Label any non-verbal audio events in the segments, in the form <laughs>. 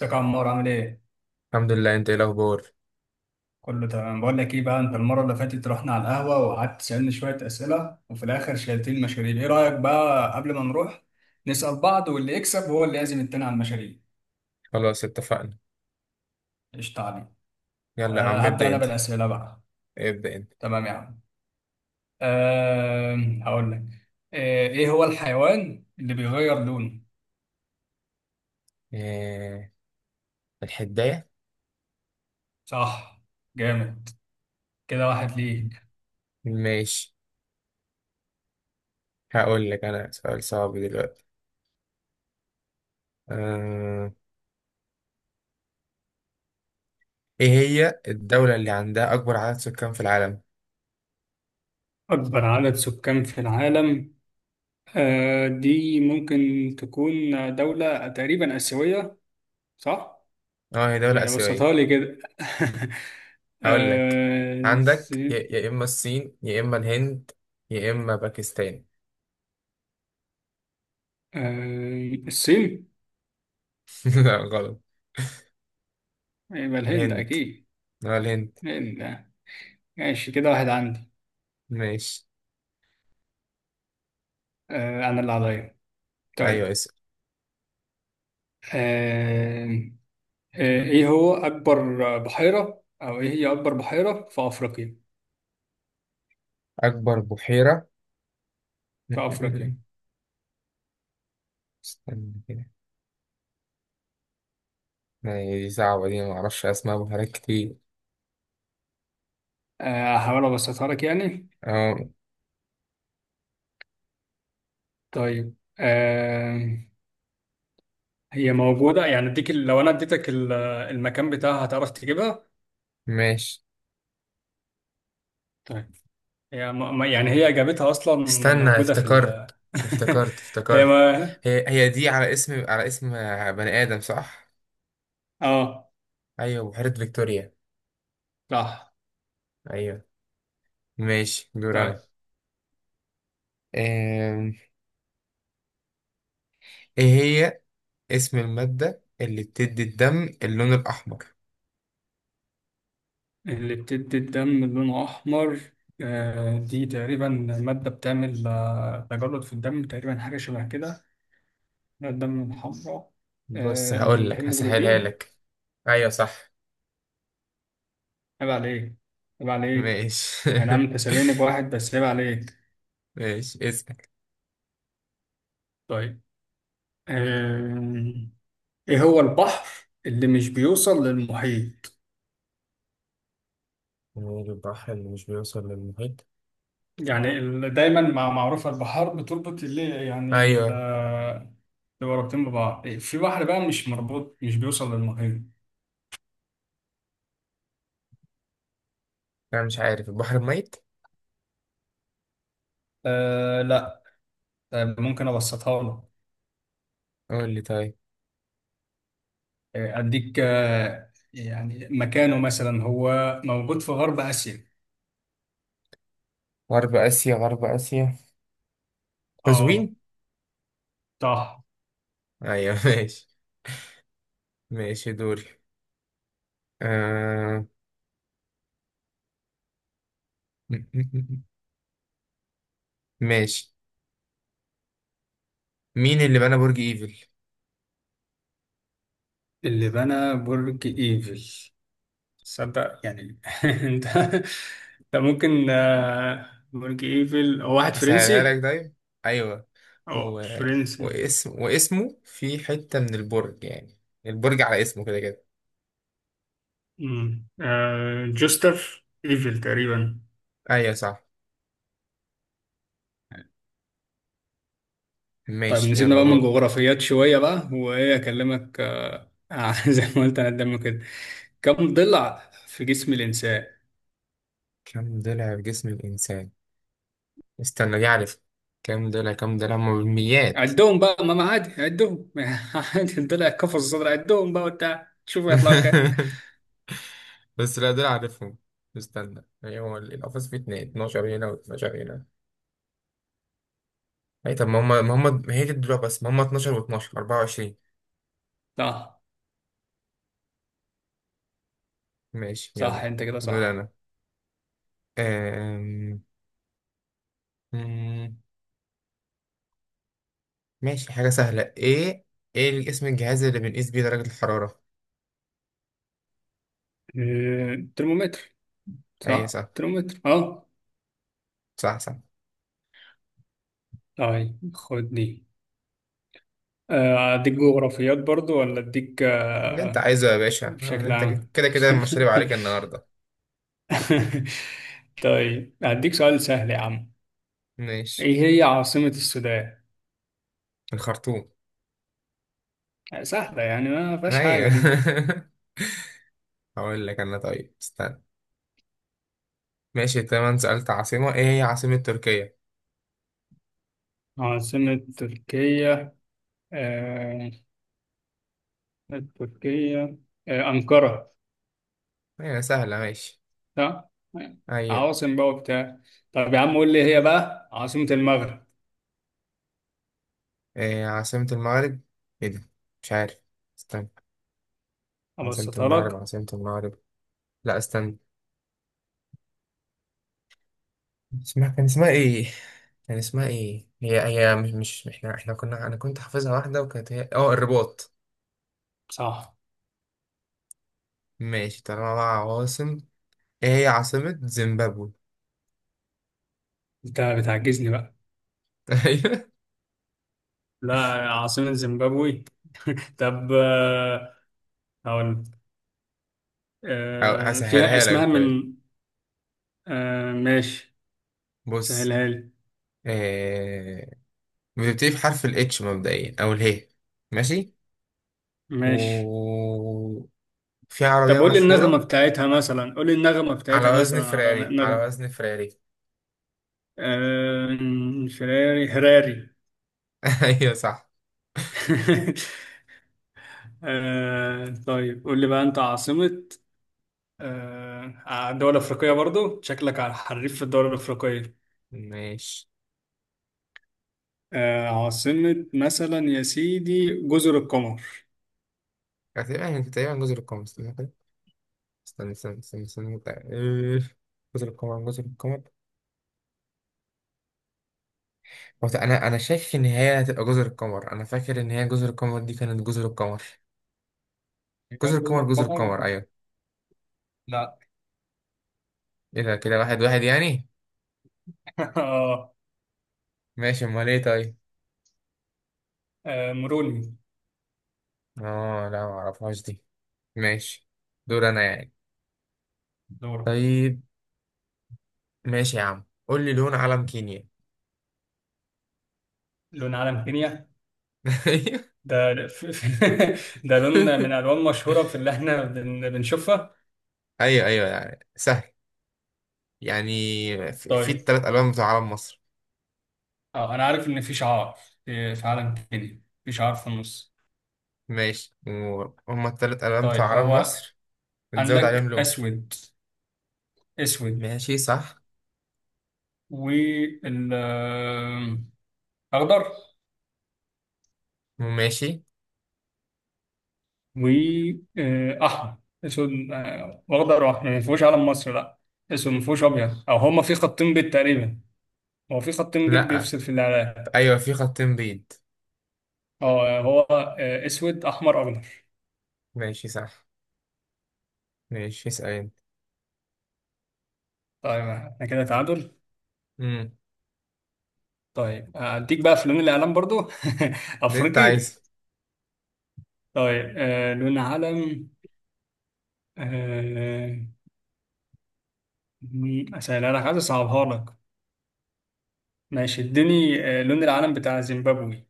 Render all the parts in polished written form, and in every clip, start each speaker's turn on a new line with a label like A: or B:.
A: ازيك يا عمار، عامل ايه؟
B: الحمد لله، انت ايه الاخبار؟
A: كله تمام. بقول لك ايه بقى، انت المره اللي فاتت رحنا على القهوه، وقعدت تسالني شويه اسئله، وفي الاخر شلتين مشاريب. ايه رايك بقى قبل ما نروح نسال بعض، واللي يكسب هو اللي يعزم التاني على المشاريب؟
B: خلاص اتفقنا.
A: قشطه عليك.
B: يلا يا
A: أه،
B: عم،
A: هبدا
B: ابدا
A: انا
B: انت.
A: بالاسئله بقى.
B: ابدا انت.
A: تمام يا عم. أه. هقول لك. ايه هو الحيوان اللي بيغير لونه؟
B: إيه. الحدايه.
A: صح. جامد. كده واحد ليك.
B: ماشي. هقول لك انا سؤال صعب دلوقتي. آه... ايه هي الدوله اللي عندها اكبر عدد سكان في العالم؟
A: أكبر عدد سكان في العالم. دي ممكن تكون دولة تقريبا آسيوية، صح؟
B: اه، هي دوله
A: يعني
B: اسيويه.
A: بسطها لي كده. <laughs>
B: هقول لك. عندك يا
A: الصين.
B: يا اما الصين، يا اما الهند، يا اما باكستان.
A: الصين.
B: <laughs> لا، غلط.
A: يبقى الهند
B: الهند.
A: أكيد.
B: اه، الهند.
A: الهند آه. ماشي، كده واحد عندي.
B: ماشي.
A: أنا اللي عليا.
B: ايوه،
A: طيب.
B: اسأل.
A: آه، إيه هو أكبر بحيرة، أو إيه هي أكبر بحيرة في أفريقيا؟
B: اكبر بحيره.
A: في أفريقيا.
B: <laughs> استنى كده. يعني دي صعبة، دي معرفش أسماء بحيرات كتير.
A: هحاول أبسطها لك يعني.
B: اه.
A: طيب. هي موجودة، يعني لو أنا المكان بتاعها هتعرف تجيبها؟
B: ماشي.
A: طيب. هي يعني هي إجابتها أصلا
B: استنى،
A: موجودة في ال
B: افتكرت. افتكرت،
A: <laughs> هي
B: افتكرت.
A: ما.
B: هي دي على اسم بني آدم، صح؟
A: آه.
B: أيوة، بحيرة فيكتوريا.
A: صح.
B: أيوة. ماشي، دور
A: طيب.
B: أنا. آم، إيه هي اسم المادة اللي بتدي الدم اللون الأحمر؟
A: اللي بتدي الدم لونه أحمر. دي تقريبا مادة بتعمل تجلط في الدم تقريبا، حاجة شبه كده. لون الدم الحمراء.
B: بص، هقول لك هسهلها
A: الهيموجلوبين.
B: لك. أيوة، صح.
A: عيب عليك! عيب عليك!
B: ماشي.
A: أي نعم، أنت سابقني بواحد، بس عيب عليك.
B: <laughs> ماشي، اسمك.
A: طيب. آه، إيه هو البحر اللي مش بيوصل للمحيط؟
B: البحر اللي مش بيوصل للمحيط.
A: يعني دايما معروفة البحار بتربط اللي، يعني ال-،
B: أيوة.
A: اللي رابطين ببعض، في بحر بقى مش مربوط، مش بيوصل للمحيط.
B: أنا مش عارف، البحر الميت؟
A: آه، لا. ممكن أبسطها لك.
B: قول لي، طيب.
A: أديك، يعني مكانه مثلا هو موجود في غرب آسيا.
B: غرب آسيا، غرب آسيا،
A: اه،
B: قزوين.
A: صح.
B: أيوة. <laughs> ماشي. ماشي، دوري. آه... م- م- م- ماشي. مين اللي بنى برج إيفل؟
A: اللي بنى برج إيفل. صدق يعني <laughs> انت ده ممكن. برج إيفل هو واحد
B: أسهلها
A: فرنسي.
B: لك، طيب. أيوة. و...
A: اه، فرنسي.
B: واسمه في حتة من البرج يعني، البرج على اسمه كده كده.
A: جوستاف ايفل تقريبا.
B: أيوة، صح.
A: طيب
B: ماشي،
A: نسيبنا
B: يلا
A: بقى من
B: دورك.
A: جغرافيات شوية بقى، وإيه أكلمك، <laughs> زي ما قلت أنا قدامك كده. كم ضلع في جسم الإنسان؟
B: كم ضلع في جسم الإنسان؟ استنى، دي عارف. كم ضلع هما بالميات.
A: عدهم بقى، ما ما عادي عدهم <laughs> عادي، الضلع كفر الصدر، عدهم بقى وبتاع، شوف هيطلعوا كام.
B: <laughs> بس لا، دول عارفهم. استنى، هو القفص فيه اتنين 12 هنا و12 هنا. اي طب، ما هم ما هي دي الدروع، بس ما هم 12 و12 24.
A: صح.
B: ماشي،
A: صح،
B: يلا.
A: أنت كده
B: دول
A: صح.
B: انا. أم... مم، ماشي، حاجة سهلة، ايه؟ ايه اسم الجهاز اللي بنقيس بيه درجة الحرارة؟
A: ترمومتر.
B: اي
A: صح،
B: صح.
A: ترمومتر، أه.
B: صح، صح.
A: طيب، خد دي. أديك جغرافيات برضو، ولا أديك
B: اللي انت عايزه يا باشا،
A: بشكل
B: انت.
A: عام؟
B: كده كده
A: <laughs>
B: مشاريب عليك النهاردة.
A: <laughs> طيب، هديك سؤال سهل يا عم.
B: ماشي.
A: ايه هي عاصمة السودان؟
B: الخرطوم.
A: سهلة يعني، ما فيهاش
B: ايوه.
A: حاجة دي.
B: <laughs> هقول لك انا، طيب استنى. ماشي تمام، سألت عاصمة، ايه هي عاصمة تركيا؟
A: عاصمة تركيا. آه... تركيا. أنقرة.
B: هي سهلة، ماشي.
A: صح؟
B: أيوة.
A: عواصم بقى وبتاع. طب يا عم قول لي، هي بقى عاصمة المغرب؟
B: إيه عاصمة المغرب؟ إيه ده؟ مش عارف. استنى. عاصمة
A: أبسطها
B: المغرب،
A: لك.
B: عاصمة المغرب. لا، استنى. كان اسمها إيه؟ كان اسمها إيه هي؟ هي مش إحنا كنا، أنا كنت حافظها واحدة، وكانت هي الرباط.
A: صح.
B: ماشي، طالما بقى عواصم. إيه هي عاصمة زيمبابوي؟
A: انت بتعجزني بقى!
B: <laughs> أيوة.
A: لا. عاصمة زيمبابوي. <laughs> طب. هقول
B: أو
A: فيها
B: هسهلها
A: اسمها
B: لك، طيب.
A: من... ماشي.
B: بص.
A: سهلها لي.
B: إيه. بتبتدي بحرف الاتش مبدئيا، أو الهي. ماشي.
A: ماشي.
B: وفي
A: طب
B: عربية
A: قول لي النغمة
B: مشهورة.
A: بتاعتها مثلا، قول لي النغمة
B: على
A: بتاعتها
B: وزن
A: مثلا، على
B: فراري، على
A: نغمة.
B: وزن فراري. <laughs>
A: فراري، هراري.
B: ايوه، صح.
A: <laughs> طيب قول لي بقى انت عاصمة. الدول الأفريقية برضو، شكلك على حريف في الدول الأفريقية.
B: ماشي.
A: عاصمة مثلا يا سيدي جزر القمر.
B: تقريبا، يعني تقريبا جزر القمر، استنى كده. استنى، استنى، استنى، استنى. <laughs> إيه، جزر القمر، جزر القمر. هو انا شايف ان هي هتبقى جزر القمر. انا فاكر ان هي جزر القمر، دي كانت جزر القمر.
A: يبقى
B: جزر
A: جزر
B: القمر، جزر
A: القمر.
B: القمر، ايوه.
A: لا.
B: ايه ده، كده واحد واحد يعني.
A: <laughs> اه.
B: ماشي، امال ايه؟ طيب.
A: مروني.
B: اه لا، ما اعرفهاش دي. ماشي. دور انا يعني.
A: دورة.
B: طيب. ماشي يا عم، قول لي لون علم كينيا.
A: لون علم كينيا.
B: <laughs> ايوه.
A: ده <laughs> ده لون من الوان مشهوره في اللي احنا بنشوفها.
B: ايوه، أيوة، يعني سهل. يعني، في
A: طيب.
B: التلات ألوان بتوع علم مصر.
A: اه، انا عارف ان في شعار، في عالم تاني، في شعار في النص.
B: ماشي، وهما التلات ألوان
A: طيب،
B: بتوع علم
A: هو
B: مصر. بنزود عليهم
A: عندك
B: لون.
A: اسود. اسود.
B: ماشي، صح.
A: وال اخضر واحمر.
B: ماشي.
A: اسود، واخضر واحمر، يعني ما فيهوش علم مصر، لا. اسود، ما فيهوش ابيض، او هما في خطين بيض تقريبا. هو في خطين بيض
B: لأ.
A: بيفصل في الاعلام.
B: أيوة، في خطين بيض.
A: اه، هو اسود احمر اخضر.
B: ماشي، صح. ماشي، اسأل أنت.
A: طيب، احنا كده تعادل.
B: مم.
A: طيب، اديك بقى في لون الاعلام برضو. <laughs>
B: ده أنت
A: افريقي.
B: عايز.
A: طيب. لون علم، آه اسهلها لك، عايز اصعبها لك. ماشي، اديني. لون العلم بتاع زيمبابوي.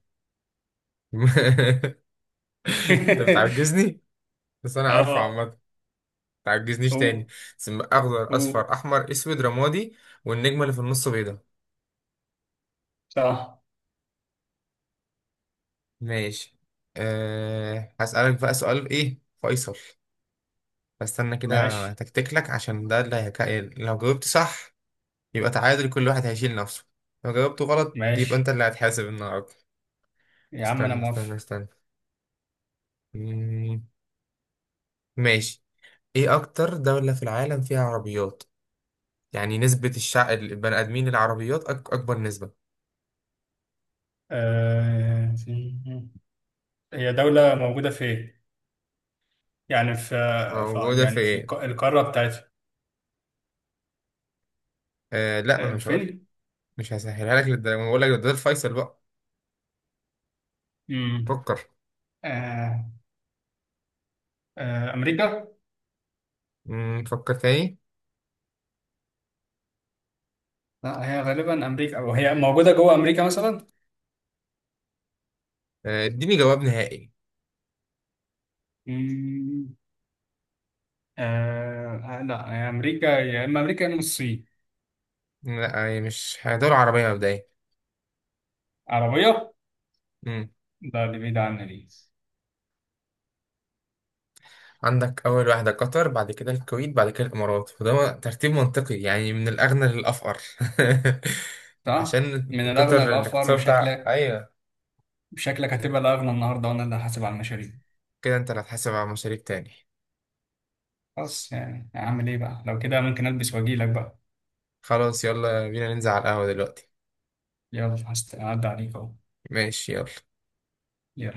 B: <laughs> أنت
A: <laughs>
B: بتعجزني. بس أنا عارفه
A: اه.
B: عامة. متعجزنيش تاني.
A: او.
B: ثم أخضر،
A: او.
B: أصفر، أحمر، أسود، رمادي. والنجمة اللي في النص بيضة.
A: صح.
B: ماشي. هسألك بقى سؤال إيه فيصل. استنى كده،
A: ماشي.
B: هتكتك لك عشان ده اللي هيك... لو جاوبت صح، يبقى تعادل، كل واحد هيشيل نفسه. لو جاوبته غلط، يبقى انت
A: ماشي
B: اللي هتحاسب النهارده.
A: يا عم، انا
B: استنى، استنى،
A: موافق.
B: استنى. مم... ماشي. ايه اكتر دولة في العالم فيها عربيات؟ يعني نسبة الشعب البني ادمين العربيات، اكبر نسبة.
A: آه. هي دولة موجودة فين؟ يعني في، في
B: موجودة في
A: يعني في
B: ايه؟
A: القارة بتاعتها.
B: لا، ما انا مش هقول.
A: فين؟
B: مش هسهلها لك للدرجة، ما بقول لك ده الفيصل بقى.
A: امم
B: فكر.
A: أمريكا؟
B: فكر تاني.
A: لا، هي غالبا أمريكا، أو هي موجودة جوه أمريكا مثلا؟
B: اديني جواب نهائي.
A: مم، لا، هي أمريكا يا إما أمريكا يا إما الصين.
B: لا، يعني مش هي دولة عربية مبدئيا.
A: عربية؟ لا، دي بعيدة عنا دي.
B: عندك أول واحدة قطر، بعد كده الكويت، بعد كده الإمارات، وده ترتيب منطقي يعني من الأغنى للأفقر. <laughs>
A: صح؟
B: عشان
A: من الأغنى
B: قطر
A: للأفقر،
B: الاقتصاد بتاع،
A: وشكلك
B: أيوة.
A: شكلك هتبقى الأغنى النهاردة، وأنا اللي هحاسب على المشاريع.
B: كده أنت اللي هتحاسب على مشاريب تاني.
A: خلاص يعني، أعمل إيه بقى؟ لو كده ممكن ألبس وأجيلك بقى.
B: خلاص، يلا بينا ننزل على القهوة دلوقتي.
A: يلا، هعدي عليك أهو.
B: ماشي، يلا.
A: يلا.